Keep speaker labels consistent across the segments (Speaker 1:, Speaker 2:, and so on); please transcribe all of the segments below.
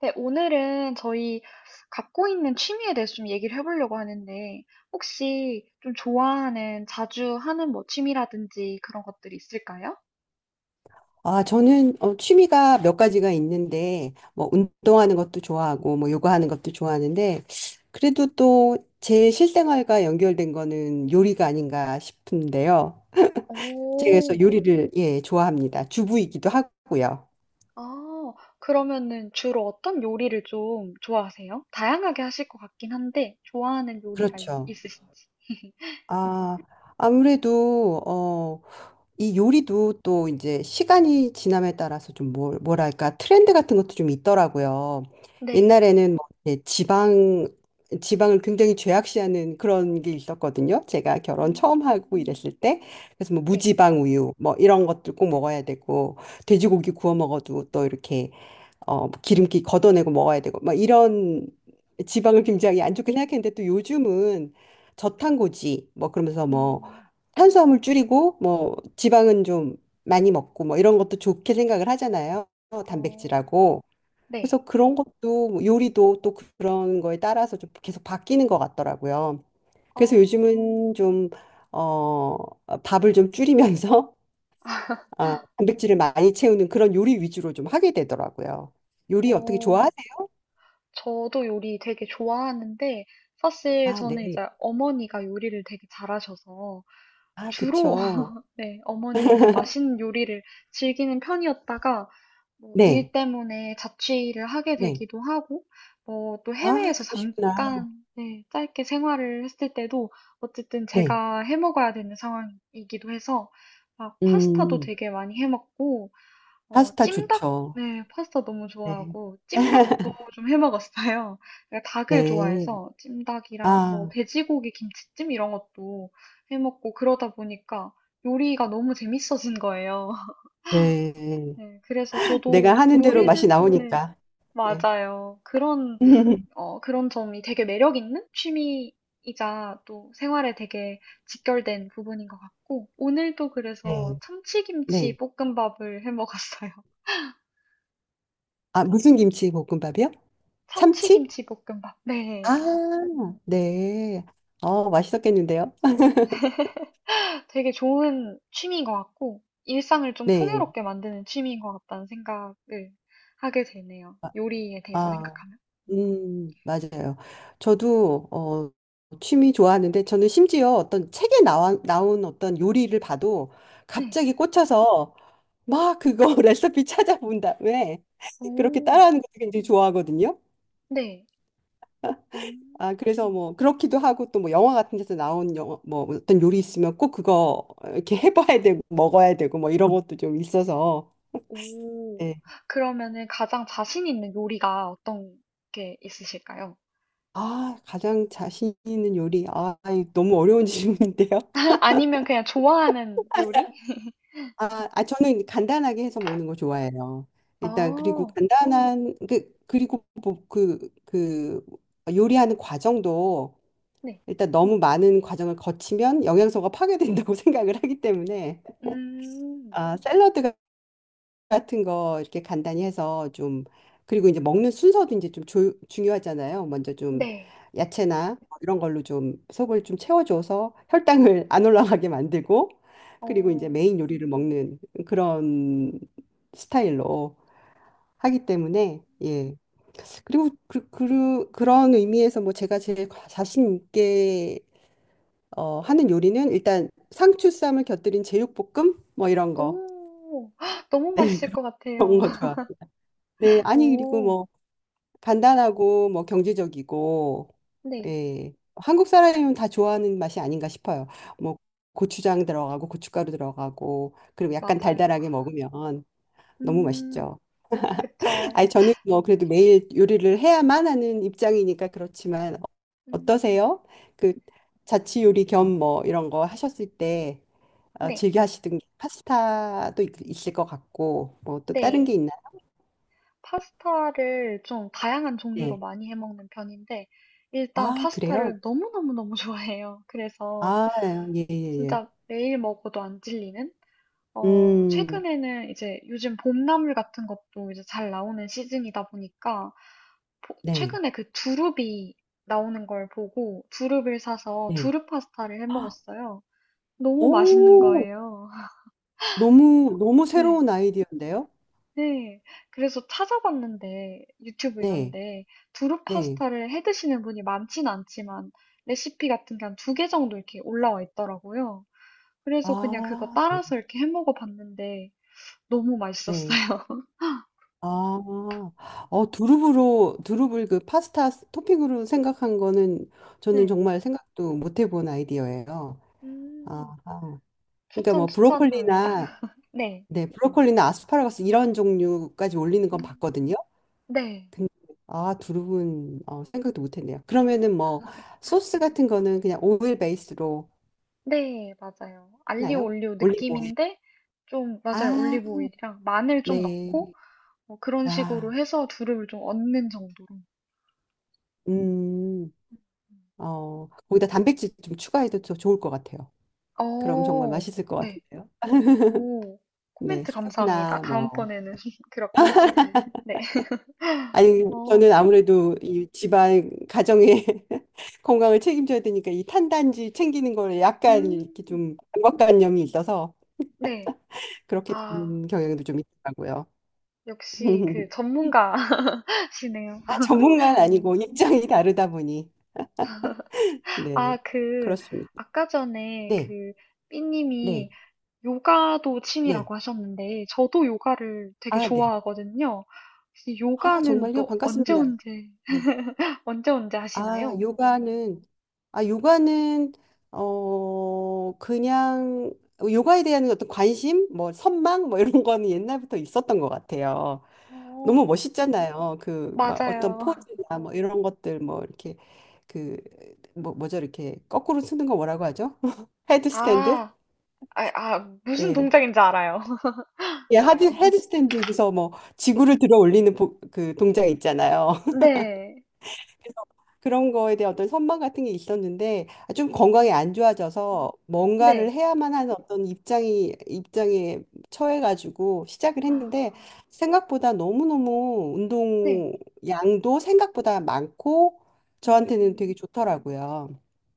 Speaker 1: 네, 오늘은 저희 갖고 있는 취미에 대해서 좀 얘기를 해보려고 하는데, 혹시 좀 좋아하는, 자주 하는 뭐 취미라든지 그런 것들이 있을까요?
Speaker 2: 아, 저는 취미가 몇 가지가 있는데, 뭐, 운동하는 것도 좋아하고, 뭐, 요가하는 것도 좋아하는데, 그래도 또 제 실생활과 연결된 거는 요리가 아닌가 싶은데요. 제가 그래서
Speaker 1: 오,
Speaker 2: 요리를, 예, 좋아합니다. 주부이기도 하고요.
Speaker 1: 아, 그러면은 주로 어떤 요리를 좀 좋아하세요? 다양하게 하실 것 같긴 한데, 좋아하는 요리가
Speaker 2: 그렇죠.
Speaker 1: 있으신지.
Speaker 2: 아, 아무래도, 이 요리도 또 이제 시간이 지남에 따라서 좀 뭘, 뭐랄까 트렌드 같은 것도 좀 있더라고요.
Speaker 1: 네.
Speaker 2: 옛날에는 뭐 이렇게 지방을 굉장히 죄악시하는 그런 게 있었거든요. 제가 결혼 처음 하고
Speaker 1: 음,
Speaker 2: 이랬을 때 그래서 뭐
Speaker 1: 네.
Speaker 2: 무지방 우유 뭐 이런 것들 꼭 먹어야 되고 돼지고기 구워 먹어도 또 이렇게 기름기 걷어내고 먹어야 되고, 막 이런 지방을
Speaker 1: 음,
Speaker 2: 굉장히 안 좋게 생각했는데 또 요즘은 저탄고지, 뭐 그러면서 뭐
Speaker 1: 음,
Speaker 2: 탄수화물 줄이고, 뭐 지방은 좀 많이 먹고, 뭐 이런 것도 좋게 생각을 하잖아요.
Speaker 1: 어,
Speaker 2: 단백질하고.
Speaker 1: 네.
Speaker 2: 그래서 그런 것도 뭐 요리도 또 그런 거에 따라서 좀 계속 바뀌는 것 같더라고요. 그래서
Speaker 1: 어,
Speaker 2: 요즘은 좀, 어, 밥을 좀 줄이면서 아, 단백질을 많이 채우는 그런 요리 위주로 좀 하게 되더라고요. 요리 어떻게
Speaker 1: 어.
Speaker 2: 좋아?
Speaker 1: 저도 요리 되게 좋아하는데 사실
Speaker 2: 아,
Speaker 1: 저는
Speaker 2: 네.
Speaker 1: 이제 어머니가 요리를 되게 잘하셔서
Speaker 2: 아,
Speaker 1: 주로
Speaker 2: 그쵸.
Speaker 1: 네, 어머니의 그 맛있는 요리를 즐기는 편이었다가 뭐
Speaker 2: 네.
Speaker 1: 일 때문에 자취를 하게
Speaker 2: 네.
Speaker 1: 되기도 하고 뭐 또
Speaker 2: 아,
Speaker 1: 해외에서
Speaker 2: 그러시구나.
Speaker 1: 잠깐 네, 짧게 생활을 했을 때도 어쨌든
Speaker 2: 네.
Speaker 1: 제가 해 먹어야 되는 상황이기도 해서 막 파스타도
Speaker 2: 음,
Speaker 1: 되게 많이 해 먹고 어,
Speaker 2: 파스타
Speaker 1: 찜닭,
Speaker 2: 좋죠.
Speaker 1: 네, 파스타 너무
Speaker 2: 네.
Speaker 1: 좋아하고, 찜닭도 좀 해 먹었어요. 내가 닭을
Speaker 2: 네.
Speaker 1: 좋아해서, 찜닭이랑 뭐,
Speaker 2: 아,
Speaker 1: 돼지고기 김치찜 이런 것도 해 먹고, 그러다 보니까 요리가 너무 재밌어진 거예요.
Speaker 2: 네.
Speaker 1: 네, 그래서 저도
Speaker 2: 내가 하는 대로 맛이
Speaker 1: 요리를, 네,
Speaker 2: 나오니까. 네.
Speaker 1: 맞아요. 그런, 어, 그런 점이 되게 매력 있는 취미이자 또 생활에 되게 직결된 부분인 것 같고, 오늘도
Speaker 2: 네.
Speaker 1: 그래서
Speaker 2: 네.
Speaker 1: 참치김치 볶음밥을 해 먹었어요.
Speaker 2: 아, 무슨 김치 볶음밥이요? 참치?
Speaker 1: 참치김치볶음밥. 네.
Speaker 2: 아, 네. 어, 맛있었겠는데요?
Speaker 1: 되게 좋은 취미인 것 같고, 일상을 좀
Speaker 2: 네.
Speaker 1: 풍요롭게 만드는 취미인 것 같다는 생각을 하게 되네요. 요리에 대해서
Speaker 2: 아,
Speaker 1: 생각하면. 음.
Speaker 2: 맞아요. 저도 취미 좋아하는데 저는 심지어 어떤 책에 나온 어떤 요리를 봐도
Speaker 1: 네.
Speaker 2: 갑자기 꽂혀서 막 그거 레시피 찾아본 다음에 그렇게
Speaker 1: 오,
Speaker 2: 따라하는 것도 굉장히 좋아하거든요.
Speaker 1: 네. 음.
Speaker 2: 아, 그래서 뭐 그렇기도 하고 또 뭐 영화 같은 데서 나온 영화 뭐 어떤 요리 있으면 꼭 그거 이렇게 해봐야 되고 먹어야 되고 뭐 이런 것도 좀 있어서.
Speaker 1: 오.
Speaker 2: 네.
Speaker 1: 그러면은 가장 자신 있는 요리가 어떤 게 있으실까요?
Speaker 2: 아, 가장 자신 있는 요리. 아, 이 너무 어려운 질문인데요.
Speaker 1: 아니면 그냥 좋아하는 요리?
Speaker 2: 아, 아, 저는 간단하게 해서 먹는 거 좋아해요. 일단 그리고
Speaker 1: 어,
Speaker 2: 간단한 그 그리고 뭐그그 요리하는 과정도
Speaker 1: 네.
Speaker 2: 일단 너무 많은 과정을 거치면 영양소가 파괴된다고 생각을 하기 때문에
Speaker 1: 음,
Speaker 2: 아, 샐러드 같은 거 이렇게 간단히 해서 좀 그리고 이제 먹는 순서도 이제 좀 중요하잖아요. 먼저 좀
Speaker 1: 네.
Speaker 2: 야채나 뭐 이런 걸로 좀 속을 좀 채워줘서 혈당을 안 올라가게 만들고 그리고 이제
Speaker 1: 어,
Speaker 2: 메인 요리를 먹는 그런 스타일로 하기 때문에 예. 그리고 그런 의미에서 뭐 제가 제일 자신 있게 하는 요리는 일단 상추쌈을 곁들인 제육볶음 뭐 이런 거.
Speaker 1: 오, 너무
Speaker 2: 네,
Speaker 1: 맛있을 것 같아요.
Speaker 2: 그런 거 좋아. 네, 아니 그리고
Speaker 1: 오,
Speaker 2: 뭐 간단하고 뭐 경제적이고
Speaker 1: 네,
Speaker 2: 예. 한국 사람이면 다 좋아하는 맛이 아닌가 싶어요. 뭐 고추장 들어가고 고춧가루 들어가고 그리고 약간
Speaker 1: 맞아요.
Speaker 2: 달달하게 먹으면 너무
Speaker 1: 음,
Speaker 2: 맛있죠.
Speaker 1: 그쵸.
Speaker 2: 아니 저는 뭐 그래도 매일 요리를 해야만 하는 입장이니까 그렇지만
Speaker 1: 음,
Speaker 2: 어떠세요? 그 자취 요리 겸 뭐 이런 거 하셨을 때
Speaker 1: 네,
Speaker 2: 즐겨 하시던 게 파스타도 있을 것 같고 뭐 또 다른 게
Speaker 1: 네.
Speaker 2: 있나요?
Speaker 1: 파스타를 좀 다양한 종류로
Speaker 2: 네.
Speaker 1: 많이 해 먹는 편인데, 일단
Speaker 2: 아, 그래요?
Speaker 1: 파스타를 너무너무너무 좋아해요. 그래서
Speaker 2: 아, 예, 예, 예.
Speaker 1: 진짜 매일 먹어도 안 질리는? 어,
Speaker 2: 음.
Speaker 1: 최근에는 이제 요즘 봄나물 같은 것도 이제 잘 나오는 시즌이다 보니까,
Speaker 2: 네,
Speaker 1: 최근에 그 두릅이 나오는 걸 보고 두릅을 사서
Speaker 2: 네.
Speaker 1: 두릅 파스타를 해
Speaker 2: 헉,
Speaker 1: 먹었어요. 너무 맛있는
Speaker 2: 오,
Speaker 1: 거예요.
Speaker 2: 너무, 너무
Speaker 1: 네.
Speaker 2: 새로운 아이디어인데요?
Speaker 1: 네. 그래서 찾아봤는데 유튜브 이런
Speaker 2: 네,
Speaker 1: 데 두릅
Speaker 2: 네.
Speaker 1: 파스타를 해 드시는 분이 많진 않지만 레시피 같은 게 한 두개 정도 이렇게 올라와 있더라고요. 그래서 그냥 그거
Speaker 2: 아, 네,
Speaker 1: 따라서 이렇게 해 먹어 봤는데 너무
Speaker 2: 네.
Speaker 1: 맛있었어요.
Speaker 2: 아, 두릅을 그 파스타 토핑으로 생각한 거는 저는
Speaker 1: 네.
Speaker 2: 정말 생각도 못 해본 아이디어예요. 아,
Speaker 1: 음.
Speaker 2: 아. 그러니까 뭐
Speaker 1: 추천합니다.
Speaker 2: 브로콜리나,
Speaker 1: 네.
Speaker 2: 네, 브로콜리나 아스파라거스 이런 종류까지 올리는 건
Speaker 1: 음.
Speaker 2: 봤거든요.
Speaker 1: 네.
Speaker 2: 근데 아, 두릅은 어, 생각도 못 했네요. 그러면은 뭐 소스 같은 거는 그냥 오일 베이스로
Speaker 1: 네. 맞아요. 알리오
Speaker 2: 나요?
Speaker 1: 올리오
Speaker 2: 올리브오일.
Speaker 1: 느낌인데 좀 맞아요.
Speaker 2: 아,
Speaker 1: 올리브 오일이랑 마늘 좀
Speaker 2: 네.
Speaker 1: 넣고 어, 그런 식으로
Speaker 2: 아,
Speaker 1: 해서 두려움을 좀 얻는 정도로.
Speaker 2: 음, 거기다 단백질 좀 추가해도 더 좋을 것 같아요. 그럼 정말
Speaker 1: 어,
Speaker 2: 맛있을 것
Speaker 1: 네.
Speaker 2: 같은데요.
Speaker 1: 오,
Speaker 2: 네,
Speaker 1: 코멘트 감사합니다.
Speaker 2: 새우나 뭐.
Speaker 1: 다음번에는 그렇게. 네.
Speaker 2: 아니,
Speaker 1: 어,
Speaker 2: 저는 아무래도 이 집안 가정의 건강을 책임져야 되니까 이 탄단지 챙기는 거에 약간 이렇게
Speaker 1: 음,
Speaker 2: 좀 강박관념이 있어서
Speaker 1: 네.
Speaker 2: 그렇게
Speaker 1: 아,
Speaker 2: 되는 경향도 좀 있더라고요.
Speaker 1: 역시 그 전문가시네요.
Speaker 2: 아, 전문가는 아니고 입장이
Speaker 1: 음.
Speaker 2: 다르다 보니.
Speaker 1: 아,
Speaker 2: 네,
Speaker 1: 그,
Speaker 2: 그렇습니다.
Speaker 1: 아까 전에
Speaker 2: 네,
Speaker 1: 그, 삐님이
Speaker 2: 네,
Speaker 1: 요가도
Speaker 2: 네.
Speaker 1: 취미라고 하셨는데, 저도 요가를 되게
Speaker 2: 아, 네.
Speaker 1: 좋아하거든요. 혹시
Speaker 2: 아,
Speaker 1: 요가는
Speaker 2: 정말요?
Speaker 1: 또 언제
Speaker 2: 반갑습니다.
Speaker 1: 언제,
Speaker 2: 네.
Speaker 1: 언제 언제
Speaker 2: 아,
Speaker 1: 하시나요?
Speaker 2: 요가는, 아, 요가는, 그냥, 요가에 대한 어떤 관심, 뭐, 선망, 뭐, 이런 거는 옛날부터 있었던 것 같아요. 너무
Speaker 1: 어.
Speaker 2: 멋있잖아요. 그, 막 어떤
Speaker 1: 맞아요.
Speaker 2: 포즈나 뭐, 이런 것들, 뭐, 이렇게, 그, 뭐, 뭐죠? 이렇게, 거꾸로 쓰는 거 뭐라고 하죠? 헤드스탠드?
Speaker 1: 아, 아, 무슨
Speaker 2: 예.
Speaker 1: 동작인지 알아요.
Speaker 2: 예, 헤드스탠드에서 뭐, 지구를 들어 올리는 그 동작 있잖아요.
Speaker 1: 네.
Speaker 2: 그래서 그런 거에 대한 어떤 선망 같은 게 있었는데 아, 좀 건강이
Speaker 1: 음,
Speaker 2: 안 좋아져서 뭔가를
Speaker 1: 네.
Speaker 2: 해야만 하는 어떤 입장이 입장에 처해가지고 시작을
Speaker 1: 아,
Speaker 2: 했는데 생각보다 너무너무
Speaker 1: 네.
Speaker 2: 운동 양도 생각보다 많고 저한테는 되게
Speaker 1: 음,
Speaker 2: 좋더라고요.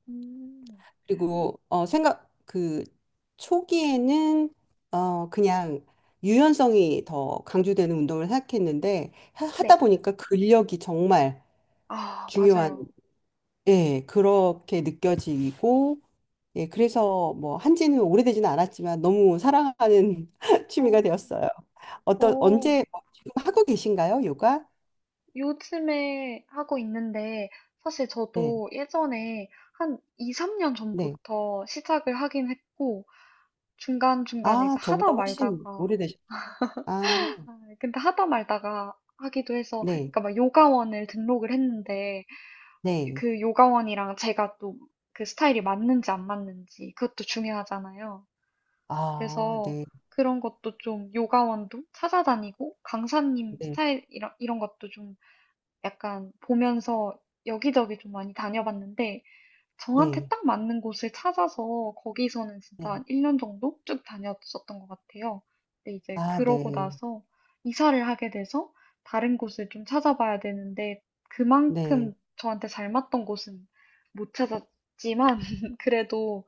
Speaker 1: 음,
Speaker 2: 그리고 어 생각 그 초기에는 그냥 유연성이 더 강조되는 운동을 생각했는데
Speaker 1: 네.
Speaker 2: 하다 보니까 근력이 정말
Speaker 1: 아,
Speaker 2: 중요한
Speaker 1: 맞아요.
Speaker 2: 예, 그렇게 느껴지고, 예, 그래서 뭐 한지는 오래되지는 않았지만 너무 사랑하는
Speaker 1: 어,
Speaker 2: 취미가 되었어요. 어떤,
Speaker 1: 오,
Speaker 2: 언제, 뭐 지금 하고 계신가요, 요가?
Speaker 1: 요즘에 하고 있는데, 사실
Speaker 2: 네,
Speaker 1: 저도 예전에 한 2, 3년
Speaker 2: 네.
Speaker 1: 전부터 시작을 하긴 했고, 중간중간에 이제
Speaker 2: 아,
Speaker 1: 하다
Speaker 2: 저보다 훨씬
Speaker 1: 말다가,
Speaker 2: 오래되셨, 아,
Speaker 1: 아, 근데 하다 말다가 하기도 해서,
Speaker 2: 네,
Speaker 1: 그러니까 막 요가원을 등록을 했는데,
Speaker 2: 네.
Speaker 1: 그 요가원이랑 제가 또 그 스타일이 맞는지 안 맞는지 그것도 중요하잖아요.
Speaker 2: 아,
Speaker 1: 그래서
Speaker 2: 네,
Speaker 1: 그런 것도 좀 요가원도 찾아다니고 강사님
Speaker 2: 네,
Speaker 1: 스타일 이런 것도 좀 약간 보면서 여기저기 좀 많이 다녀봤는데 저한테
Speaker 2: 네,
Speaker 1: 딱 맞는 곳을 찾아서 거기서는 진짜
Speaker 2: 네.
Speaker 1: 한 1년 정도 쭉 다녔었던 것 같아요. 근데 이제
Speaker 2: 아,
Speaker 1: 그러고
Speaker 2: 네,
Speaker 1: 나서 이사를 하게 돼서 다른 곳을 좀 찾아봐야 되는데
Speaker 2: 네,
Speaker 1: 그만큼 저한테 잘 맞던 곳은 못 찾았지만 그래도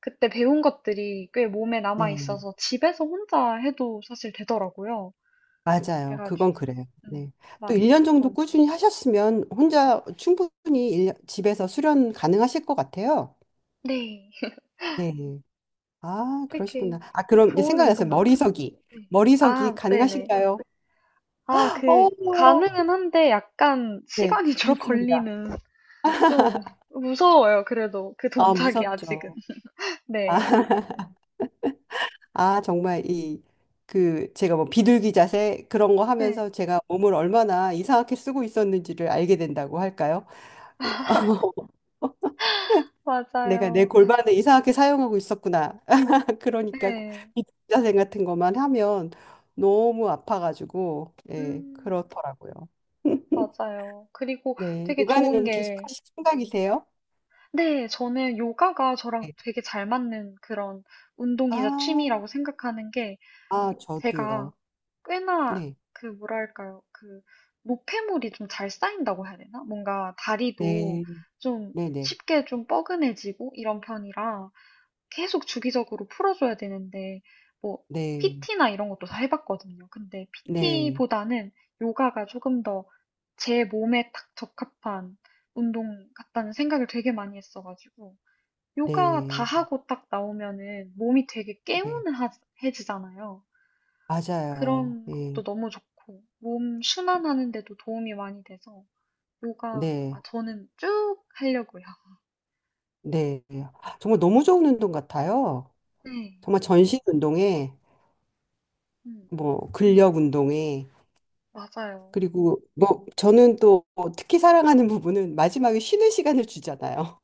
Speaker 1: 그때 배운 것들이 꽤 몸에 남아
Speaker 2: 네.
Speaker 1: 있어서 집에서 혼자 해도 사실 되더라고요.
Speaker 2: 맞아요.
Speaker 1: 그래가지고,
Speaker 2: 그건 그래요.
Speaker 1: 음,
Speaker 2: 네. 또
Speaker 1: 맞아요.
Speaker 2: 1년 정도 꾸준히 하셨으면 혼자 충분히 일년 집에서 수련 가능하실 것 같아요.
Speaker 1: 네.
Speaker 2: 네. 아,
Speaker 1: 되게
Speaker 2: 그러시구나. 아, 그럼 이제
Speaker 1: 좋은 운동
Speaker 2: 생각났어요.
Speaker 1: 같아요.
Speaker 2: 머리서기.
Speaker 1: 네.
Speaker 2: 머리서기
Speaker 1: 아, 네네.
Speaker 2: 가능하신가요?
Speaker 1: 아, 그,
Speaker 2: 어,
Speaker 1: 가능은 한데 약간
Speaker 2: 네,
Speaker 1: 시간이 좀
Speaker 2: 부럽습니다.
Speaker 1: 걸리는, 좀 무서워요, 그래도. 그
Speaker 2: 아,
Speaker 1: 동작이 아직은.
Speaker 2: 무섭죠. 아,
Speaker 1: 네.
Speaker 2: 아, 정말 이, 그, 제가 뭐 비둘기 자세 그런 거
Speaker 1: 네,
Speaker 2: 하면서 제가 몸을 얼마나 이상하게 쓰고 있었는지를 알게 된다고 할까요? 내가 내
Speaker 1: 맞아요.
Speaker 2: 골반을 이상하게 사용하고 있었구나. 그러니까
Speaker 1: 네.
Speaker 2: 비둘기 자세 같은 것만 하면 너무 아파가지고, 예,
Speaker 1: 음,
Speaker 2: 그렇더라고요.
Speaker 1: 맞아요. 그리고
Speaker 2: 네.
Speaker 1: 되게
Speaker 2: 육아는
Speaker 1: 좋은
Speaker 2: 그럼 계속
Speaker 1: 게,
Speaker 2: 하실 생각이세요?
Speaker 1: 네, 저는 요가가 저랑
Speaker 2: 네.
Speaker 1: 되게 잘 맞는 그런
Speaker 2: 아,
Speaker 1: 운동이자 취미라고 생각하는 게,
Speaker 2: 아, 저도요.
Speaker 1: 제가 꽤나
Speaker 2: 네.
Speaker 1: 그 뭐랄까요 그 노폐물이 좀 잘 쌓인다고 해야 되나? 뭔가 다리도
Speaker 2: 네.
Speaker 1: 좀
Speaker 2: 네 네.
Speaker 1: 쉽게 좀 뻐근해지고 이런 편이라 계속 주기적으로 풀어줘야 되는데 뭐
Speaker 2: 네. 네.
Speaker 1: PT나 이런 것도 다 해봤거든요. 근데
Speaker 2: 네.
Speaker 1: PT보다는 요가가 조금 더 제 몸에 딱 적합한 운동 같다는 생각을 되게 많이 했어가지고 요가 다
Speaker 2: 네.
Speaker 1: 하고 딱 나오면은 몸이 되게
Speaker 2: 네.
Speaker 1: 개운해지잖아요.
Speaker 2: 맞아요.
Speaker 1: 그런
Speaker 2: 네.
Speaker 1: 것도 너무 좋고 몸 순환하는 데도 도움이 많이 돼서 요가 아,
Speaker 2: 네.
Speaker 1: 저는 쭉 하려고요.
Speaker 2: 네. 정말 너무 좋은 운동 같아요.
Speaker 1: 네.
Speaker 2: 정말 전신 운동에,
Speaker 1: 음, 음.
Speaker 2: 뭐, 근력 운동에,
Speaker 1: 맞아요.
Speaker 2: 그리고 뭐, 저는 또 특히 사랑하는 부분은 마지막에 쉬는 시간을 주잖아요.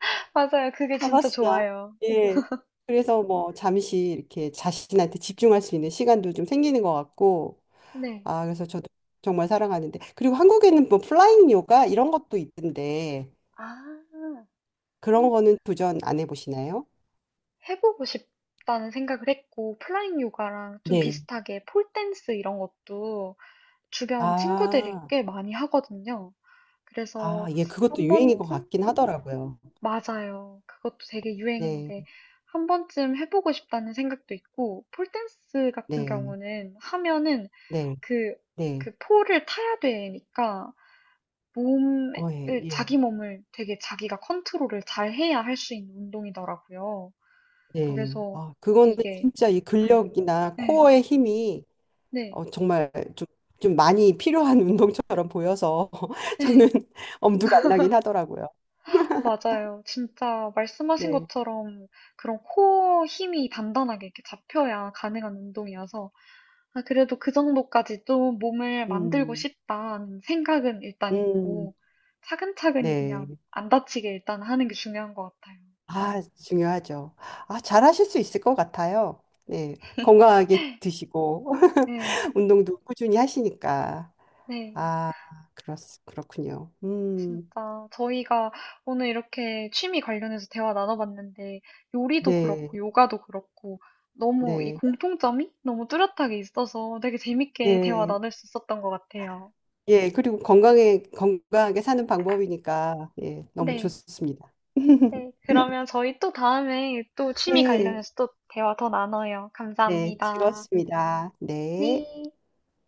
Speaker 1: 맞아요. 그게 진짜
Speaker 2: 타바스나.
Speaker 1: 좋아요.
Speaker 2: 예. 그래서 뭐 잠시 이렇게 자신한테 집중할 수 있는 시간도 좀 생기는 것 같고,
Speaker 1: 네.
Speaker 2: 아, 그래서 저도 정말 사랑하는데. 그리고 한국에는 뭐 플라잉 요가 이런 것도 있던데,
Speaker 1: 아,
Speaker 2: 그런 거는 도전 안 해보시나요?
Speaker 1: 해보고 싶다는 생각을 했고, 플라잉 요가랑 좀
Speaker 2: 네.
Speaker 1: 비슷하게 폴댄스 이런 것도 주변 친구들이
Speaker 2: 아,
Speaker 1: 꽤 많이 하거든요.
Speaker 2: 아,
Speaker 1: 그래서
Speaker 2: 예, 그것도
Speaker 1: 한
Speaker 2: 유행인 것
Speaker 1: 번쯤
Speaker 2: 같긴 하더라고요.
Speaker 1: 맞아요. 그것도 되게
Speaker 2: 네,
Speaker 1: 유행인데 한 번쯤 해보고 싶다는 생각도 있고 폴댄스 같은
Speaker 2: 네,
Speaker 1: 경우는 하면은
Speaker 2: 네,
Speaker 1: 그,
Speaker 2: 네.
Speaker 1: 그 폴을 타야 되니까 몸을
Speaker 2: 어, 예, 예,
Speaker 1: 자기 몸을 되게 자기가 컨트롤을 잘 해야 할 수 있는 운동이더라고요.
Speaker 2: 네.
Speaker 1: 그래서
Speaker 2: 아, 그거는
Speaker 1: 이게
Speaker 2: 진짜 이
Speaker 1: 네,
Speaker 2: 근력이나
Speaker 1: 네,
Speaker 2: 코어의 힘이
Speaker 1: 네,
Speaker 2: 정말 좀, 좀 많이 필요한 운동처럼 보여서 저는
Speaker 1: 네.
Speaker 2: 엄두가 안 나긴 하더라고요.
Speaker 1: 맞아요. 진짜 말씀하신
Speaker 2: 네.
Speaker 1: 것처럼 그런 코어 힘이 단단하게 이렇게 잡혀야 가능한 운동이어서 아, 그래도 그 정도까지 좀 몸을 만들고
Speaker 2: 음,
Speaker 1: 싶다는 생각은 일단
Speaker 2: 음,
Speaker 1: 있고 차근차근히
Speaker 2: 네.
Speaker 1: 그냥 안 다치게 일단 하는 게 중요한 것 같아요.
Speaker 2: 아, 중요하죠. 아,
Speaker 1: 음.
Speaker 2: 잘하실 수 있을 것 같아요. 네. 건강하게 드시고,
Speaker 1: 네,
Speaker 2: 운동도 꾸준히 하시니까.
Speaker 1: 네.
Speaker 2: 아, 그렇, 그렇군요.
Speaker 1: 진짜 저희가 오늘 이렇게 취미 관련해서 대화 나눠봤는데 요리도 그렇고
Speaker 2: 네,
Speaker 1: 요가도 그렇고 너무 이
Speaker 2: 네,
Speaker 1: 공통점이 너무 뚜렷하게 있어서 되게 재밌게 대화
Speaker 2: 네.
Speaker 1: 나눌 수 있었던 것 같아요.
Speaker 2: 예, 그리고 건강에, 건강하게 사는 방법이니까, 예, 너무
Speaker 1: 네.
Speaker 2: 좋습니다.
Speaker 1: 네. 그러면 저희 또 다음에 또 취미
Speaker 2: 네.
Speaker 1: 관련해서 또 대화 더 나눠요.
Speaker 2: 네,
Speaker 1: 감사합니다.
Speaker 2: 즐거웠습니다. 네.
Speaker 1: 네.